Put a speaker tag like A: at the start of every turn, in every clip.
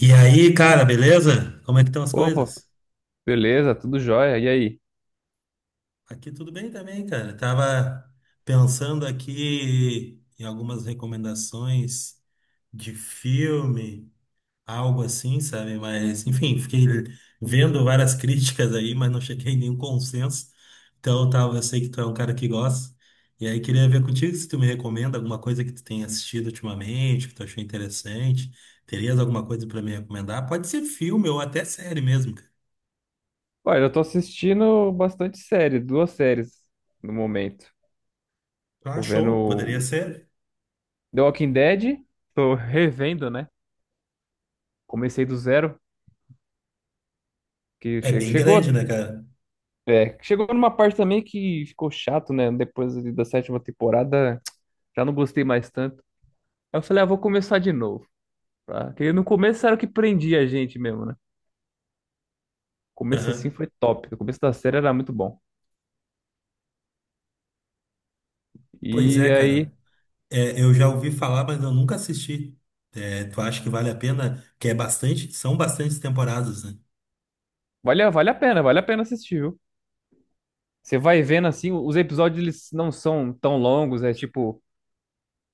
A: E aí, cara, beleza? Como é que estão as
B: Opa,
A: coisas?
B: beleza, tudo jóia. E aí?
A: Aqui tudo bem também, cara. Tava pensando aqui em algumas recomendações de filme, algo assim, sabe? Mas, enfim, fiquei vendo várias críticas aí, mas não cheguei em nenhum consenso. Então, eu sei que tu é um cara que gosta. E aí, queria ver contigo se tu me recomenda alguma coisa que tu tenha assistido ultimamente, que tu achou interessante. Terias alguma coisa pra me recomendar? Pode ser filme ou até série mesmo, cara.
B: Olha, eu tô assistindo bastante série, duas séries no momento.
A: Ah,
B: Tô
A: show, poderia
B: vendo
A: ser.
B: The Walking Dead, tô revendo, né? Comecei do zero,
A: É bem
B: chegou,
A: grande, né, cara?
B: é, chegou numa parte também que ficou chato, né? Depois ali da 7ª temporada, já não gostei mais tanto. Aí eu falei, ah, vou começar de novo, tá? Porque no começo era o que prendia a gente mesmo, né? O começo assim
A: Aham.
B: foi top, o começo da série era muito bom.
A: Pois
B: E
A: é,
B: aí,
A: cara. É, eu já ouvi falar, mas eu nunca assisti. É, tu acha que vale a pena? Que é bastante, são bastantes temporadas, né?
B: vale, vale a pena assistir, viu? Você vai vendo assim, os episódios eles não são tão longos, é tipo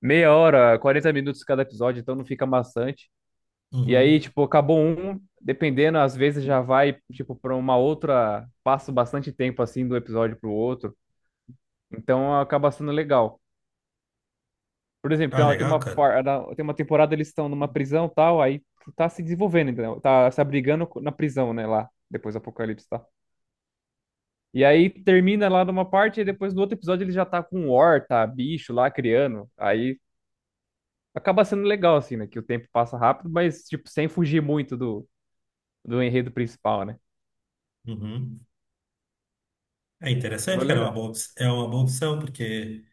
B: meia hora, 40 minutos cada episódio, então não fica maçante. E aí,
A: Uhum.
B: tipo, acabou um, dependendo, às vezes já vai, tipo, pra uma outra, passa bastante tempo assim do episódio pro outro. Então acaba sendo legal. Por exemplo,
A: Ah, legal, cara.
B: tem uma temporada eles estão numa prisão e tal, aí tá se desenvolvendo, entendeu? Tá se abrigando na prisão, né, lá, depois do apocalipse, tá? E aí termina lá numa parte e depois no outro episódio ele já tá com horta, bicho lá criando. Aí acaba sendo legal, assim, né? Que o tempo passa rápido, mas, tipo, sem fugir muito do enredo principal, né?
A: Uhum. É
B: Então é
A: interessante, cara. É uma
B: legal.
A: boa, op- é uma boa opção, porque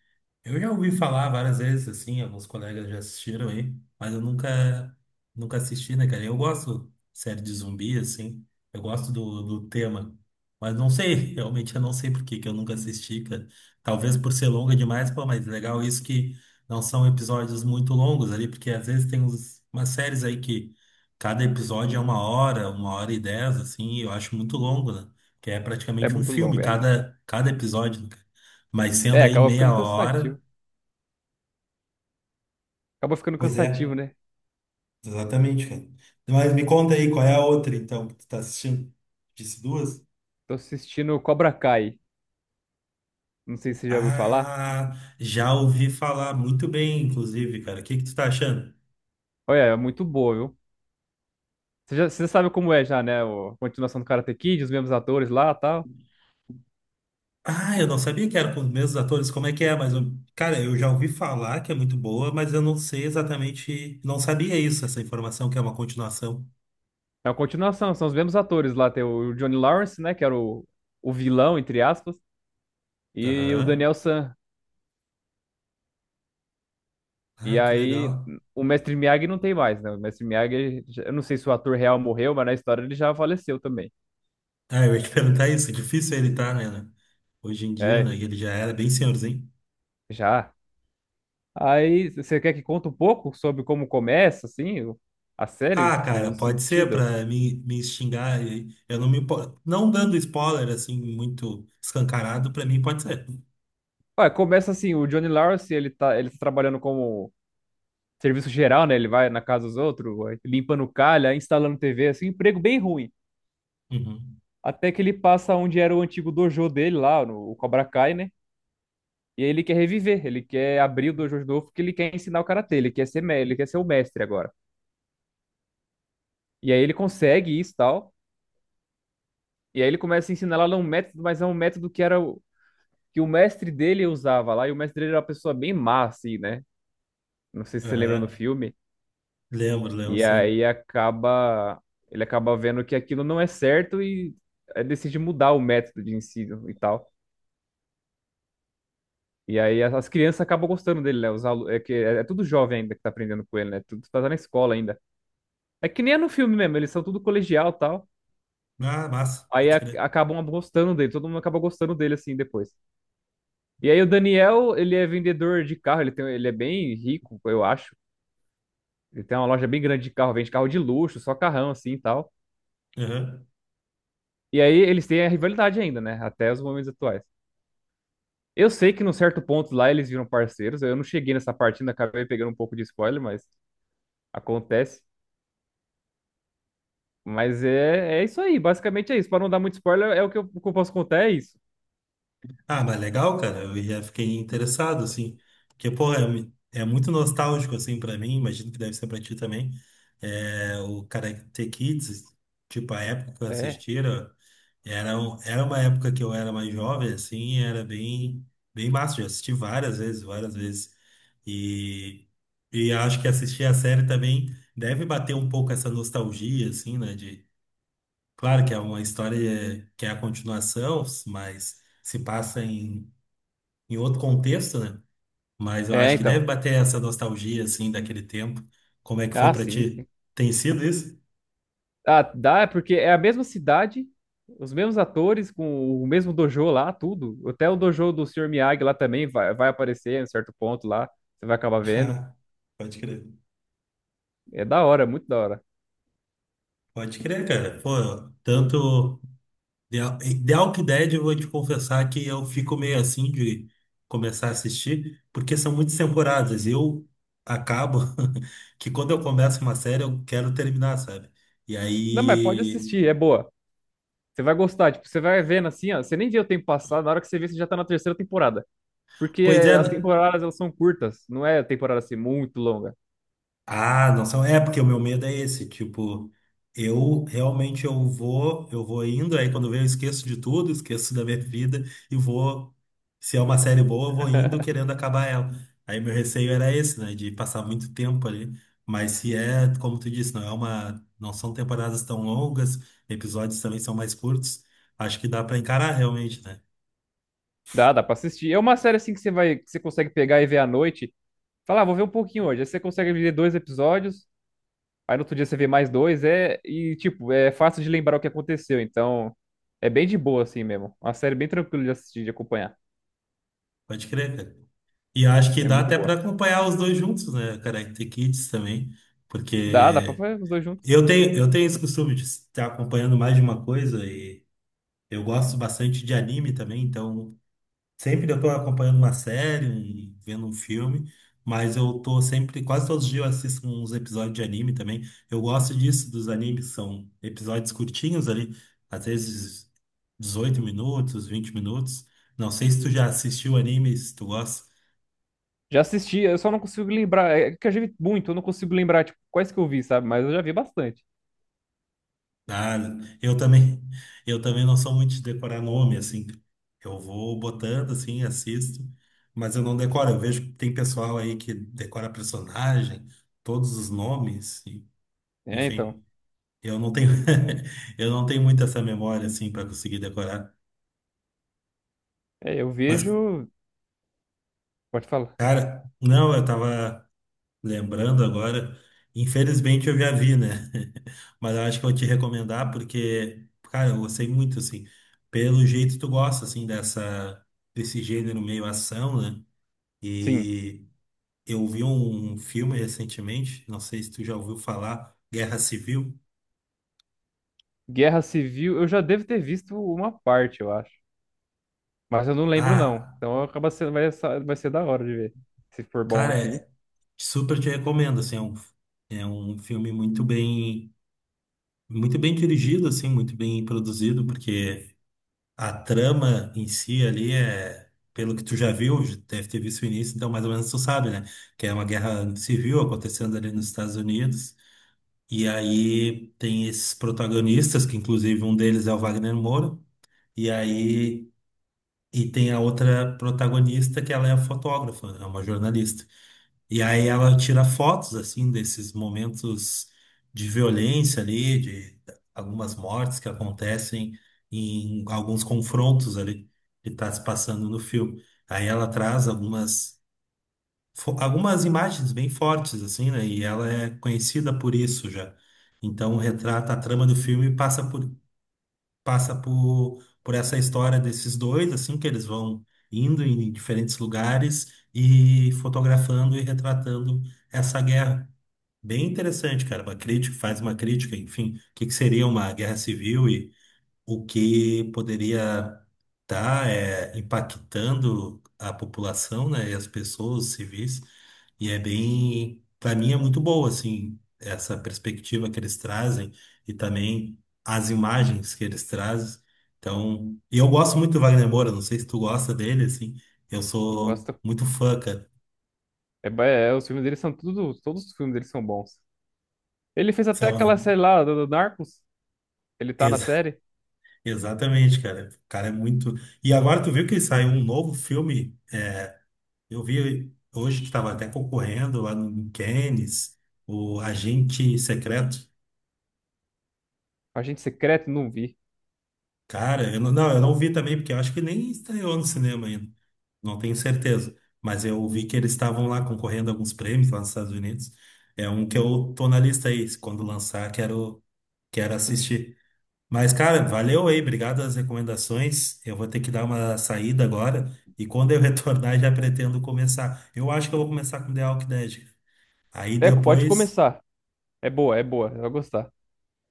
A: eu já ouvi falar várias vezes, assim, alguns colegas já assistiram aí, mas eu nunca, nunca assisti, né, cara? Eu gosto de série de zumbi, assim, eu gosto do tema, mas não sei, realmente eu não sei por que que eu nunca assisti, cara. Talvez por ser longa demais, pô, mas legal isso que não são episódios muito longos ali, porque às vezes tem umas séries aí que cada episódio é uma hora e dez, assim, e eu acho muito longo, né? Que é
B: É
A: praticamente um
B: muito
A: filme,
B: longo, é.
A: cada episódio, né, cara? Mas
B: É,
A: sendo aí
B: acaba
A: meia
B: ficando
A: hora.
B: cansativo. Acaba ficando
A: Pois é,
B: cansativo, né?
A: exatamente, cara. Mas me conta aí, qual é a outra, então, que tu tá assistindo? Disse duas?
B: Tô assistindo Cobra Kai. Não sei se você já ouviu falar.
A: Ah, já ouvi falar muito bem, inclusive, cara. O que que tu tá achando?
B: Olha, é muito boa, viu? Você, já, você sabe como é já, né? A continuação do Karate Kid, os mesmos atores lá e tal.
A: Ah, eu não sabia que era com os mesmos atores. Como é que é? Mas, cara, eu já ouvi falar que é muito boa, mas eu não sei exatamente. Não sabia isso, essa informação que é uma continuação.
B: É uma continuação, são os mesmos atores lá. Tem o Johnny Lawrence, né? O vilão, entre aspas. E o
A: Aham.
B: Daniel San.
A: Ah,
B: E
A: que
B: aí,
A: legal.
B: o Mestre Miyagi não tem mais, né? O Mestre Miyagi, eu não sei se o ator real morreu, mas na história ele já faleceu também.
A: Ah, eu ia te perguntar isso. É difícil ele tá, né? Hoje em dia,
B: É,
A: né? Ele já era bem senhorzinho.
B: já. Aí, você quer que conte um pouco sobre como começa, assim, a série,
A: Ah,
B: tipo, o
A: cara, pode ser
B: sentido?
A: para me xingar. E eu não me impo- não dando spoiler assim muito escancarado, para mim pode ser.
B: Ué, começa assim, o Johnny Lawrence, ele tá trabalhando como serviço geral, né? Ele vai na casa dos outros, vai limpando calha, instalando TV, assim, um emprego bem ruim.
A: Uhum.
B: Até que ele passa onde era o antigo dojo dele lá, no o Cobra Kai, né? E aí ele quer reviver, ele quer abrir o dojo de novo porque ele quer ensinar o karatê, ele quer ser o mestre agora. E aí ele consegue isso e tal. E aí ele começa a ensinar lá um método, mas é um método que o mestre dele usava lá, e o mestre dele era uma pessoa bem má, assim, né? Não sei se você lembra no
A: Aham.
B: filme.
A: Lembro, lembro,
B: E
A: sim.
B: aí acaba, ele acaba vendo que aquilo não é certo e decide mudar o método de ensino e tal. E aí as crianças acabam gostando dele, né? É que é, é tudo jovem ainda que tá aprendendo com ele, né? Tudo tá na escola ainda. É que nem é no filme mesmo, eles são tudo colegial e tal.
A: Ah, massa,
B: Aí a-
A: pode crer.
B: acabam gostando dele, todo mundo acaba gostando dele assim depois. E aí o Daniel, ele é vendedor de carro, ele tem, ele é bem rico, eu acho. Ele tem uma loja bem grande de carro, vende carro de luxo, só carrão assim e tal.
A: Aham.
B: E aí eles têm a rivalidade ainda, né? Até os momentos atuais. Eu sei que num certo ponto lá eles viram parceiros. Eu não cheguei nessa parte, ainda acabei pegando um pouco de spoiler, mas acontece. Mas é, é isso aí, basicamente é isso. Pra não dar muito spoiler, é o que eu posso contar, é isso.
A: Ah, mas legal, cara. Eu já fiquei interessado, assim. Porque, pô, é muito nostálgico, assim, pra mim. Imagino que deve ser pra ti também. É, o Karate Kids, tipo, a época que eu
B: É.
A: assistia. Era uma época que eu era mais jovem, assim, e era bem, bem massa. Eu assisti várias vezes, várias vezes. E, e acho que assistir a série também deve bater um pouco essa nostalgia, assim, né? Claro que é uma história que é a continuação, mas se passa em outro contexto, né? Mas eu
B: É,
A: acho que
B: então.
A: deve bater essa nostalgia, assim, daquele tempo. Como é que foi
B: Ah,
A: pra
B: sim, sim.
A: ti? Tem sido isso?
B: Ah, dá, é porque é a mesma cidade, os mesmos atores, com o mesmo dojo lá, tudo. Até o dojo do Sr. Miyagi lá também vai, vai aparecer em certo ponto lá. Você vai acabar vendo.
A: Ah, pode crer.
B: É da hora, muito da hora.
A: Pode crer, cara. Pô, tanto. The, The Walking Dead, eu vou te confessar que eu fico meio assim de começar a assistir, porque são muitas temporadas. E eu acabo que quando eu começo uma série, eu quero terminar, sabe? E
B: Não, mas pode
A: aí.
B: assistir, é boa. Você vai gostar, tipo, você vai vendo assim, ó. Você nem vê o tempo passar, na hora que você vê, você já tá na 3ª temporada. Porque
A: Pois é.
B: as temporadas, elas são curtas, não é temporada assim muito longa.
A: Ah, não são. É, porque o meu medo é esse, tipo, eu realmente eu vou indo, aí quando vem eu esqueço de tudo, esqueço da minha vida e vou, se é uma série boa, eu vou indo querendo acabar ela. Aí meu receio era esse, né, de passar muito tempo ali. Mas se é, como tu disse, não são temporadas tão longas, episódios também são mais curtos, acho que dá pra encarar realmente, né?
B: Dá, dá pra assistir. É uma série assim que você vai, que você consegue pegar e ver à noite. Falar, ah, vou ver um pouquinho hoje. Aí você consegue ver dois episódios, aí no outro dia você vê mais dois, é. E, tipo, é fácil de lembrar o que aconteceu. Então, é bem de boa, assim mesmo. Uma série bem tranquila de assistir, de acompanhar.
A: Pode crer, cara. E acho que
B: É
A: dá
B: muito
A: até pra
B: boa.
A: acompanhar os dois juntos, né, cara? Karate Kids também,
B: Dá, dá pra
A: porque
B: fazer os dois juntos.
A: eu tenho esse costume de estar acompanhando mais de uma coisa e eu gosto bastante de anime também, então sempre eu estou acompanhando uma série, vendo um filme, mas eu tô sempre, quase todos os dias eu assisto uns episódios de anime também. Eu gosto disso, dos animes, são episódios curtinhos ali, às vezes 18 minutos, 20 minutos. Não sei se tu já assistiu anime, se tu gosta.
B: Já assisti, eu só não consigo lembrar. É que eu já vi muito, eu não consigo lembrar, tipo, quais que eu vi, sabe? Mas eu já vi bastante.
A: Ah, eu também, eu também não sou muito de decorar nome, assim. Eu vou botando, assim, assisto, mas eu não decoro. Eu vejo que tem pessoal aí que decora personagem, todos os nomes,
B: É, então.
A: enfim. Eu não tenho, eu não tenho muito essa memória, assim, para conseguir decorar.
B: É, eu
A: Mas,
B: vejo. Pode falar.
A: cara, não, eu tava lembrando agora, infelizmente eu já vi, né? Mas eu acho que eu vou te recomendar porque, cara, eu gostei muito, assim. Pelo jeito tu gosta, assim, dessa, desse gênero meio ação, né?
B: Sim.
A: E eu vi um filme recentemente, não sei se tu já ouviu falar, Guerra Civil.
B: Guerra Civil, eu já devo ter visto uma parte, eu acho. Mas eu não lembro, não.
A: Ah,
B: Então acaba sendo, vai, vai ser da hora de ver. Se for bom
A: cara,
B: assim.
A: super te recomendo, assim, é um filme muito bem dirigido, assim, muito bem produzido, porque a trama em si ali é, pelo que tu já viu, já deve ter visto o início, então mais ou menos tu sabe, né? Que é uma guerra civil acontecendo ali nos Estados Unidos. E aí tem esses protagonistas, que inclusive um deles é o Wagner Moura, e aí e tem a outra protagonista que ela é fotógrafa, é uma jornalista. E aí ela tira fotos assim desses momentos de violência ali, de algumas mortes que acontecem em alguns confrontos ali que está se passando no filme. Aí ela traz algumas algumas imagens bem fortes assim, né? E ela é conhecida por isso já. Então retrata a trama do filme e passa por essa história desses dois, assim, que eles vão indo em diferentes lugares e fotografando e retratando essa guerra. Bem interessante, cara. Uma crítica, faz uma crítica, enfim, o que que seria uma guerra civil, o que poderia estar impactando a população, né, e as pessoas, os civis, e é bem, para mim é muito boa, assim, essa perspectiva que eles trazem e também as imagens que eles trazem. Então, e eu gosto muito do Wagner Moura, não sei se tu gosta dele, assim, eu
B: Eu
A: sou
B: gosto.
A: muito fã, cara.
B: É, é, os filmes dele são tudo, todos os filmes dele são bons. Ele fez
A: Sei
B: até
A: lá,
B: aquela série lá do Narcos, ele tá na
A: ex-
B: série.
A: exatamente, cara. O cara é muito. E agora tu viu que saiu um novo filme. Eu vi hoje que estava até concorrendo lá no Cannes, o Agente Secreto.
B: Agente Secreto, não vi.
A: Cara, eu não, não, eu não vi também, porque eu acho que nem estreou no cinema ainda. Não tenho certeza. Mas eu vi que eles estavam lá concorrendo a alguns prêmios lá nos Estados Unidos. É um que eu tô na lista aí. Se Quando lançar, quero assistir. Mas, cara, valeu aí. Obrigado as recomendações. Eu vou ter que dar uma saída agora. E quando eu retornar, já pretendo começar. Eu acho que eu vou começar com The Walking Dead. Aí
B: É, pode
A: depois.
B: começar. É boa, você vai gostar.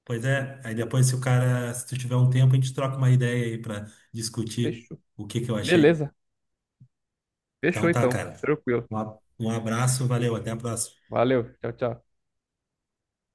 A: Pois é, aí depois se o cara, se tu tiver um tempo, a gente troca uma ideia aí pra discutir
B: Fechou.
A: o que que eu achei.
B: Beleza,
A: Então
B: fechou
A: tá,
B: então.
A: cara.
B: Tranquilo.
A: Um um abraço, valeu, até a próxima.
B: Valeu, tchau, tchau.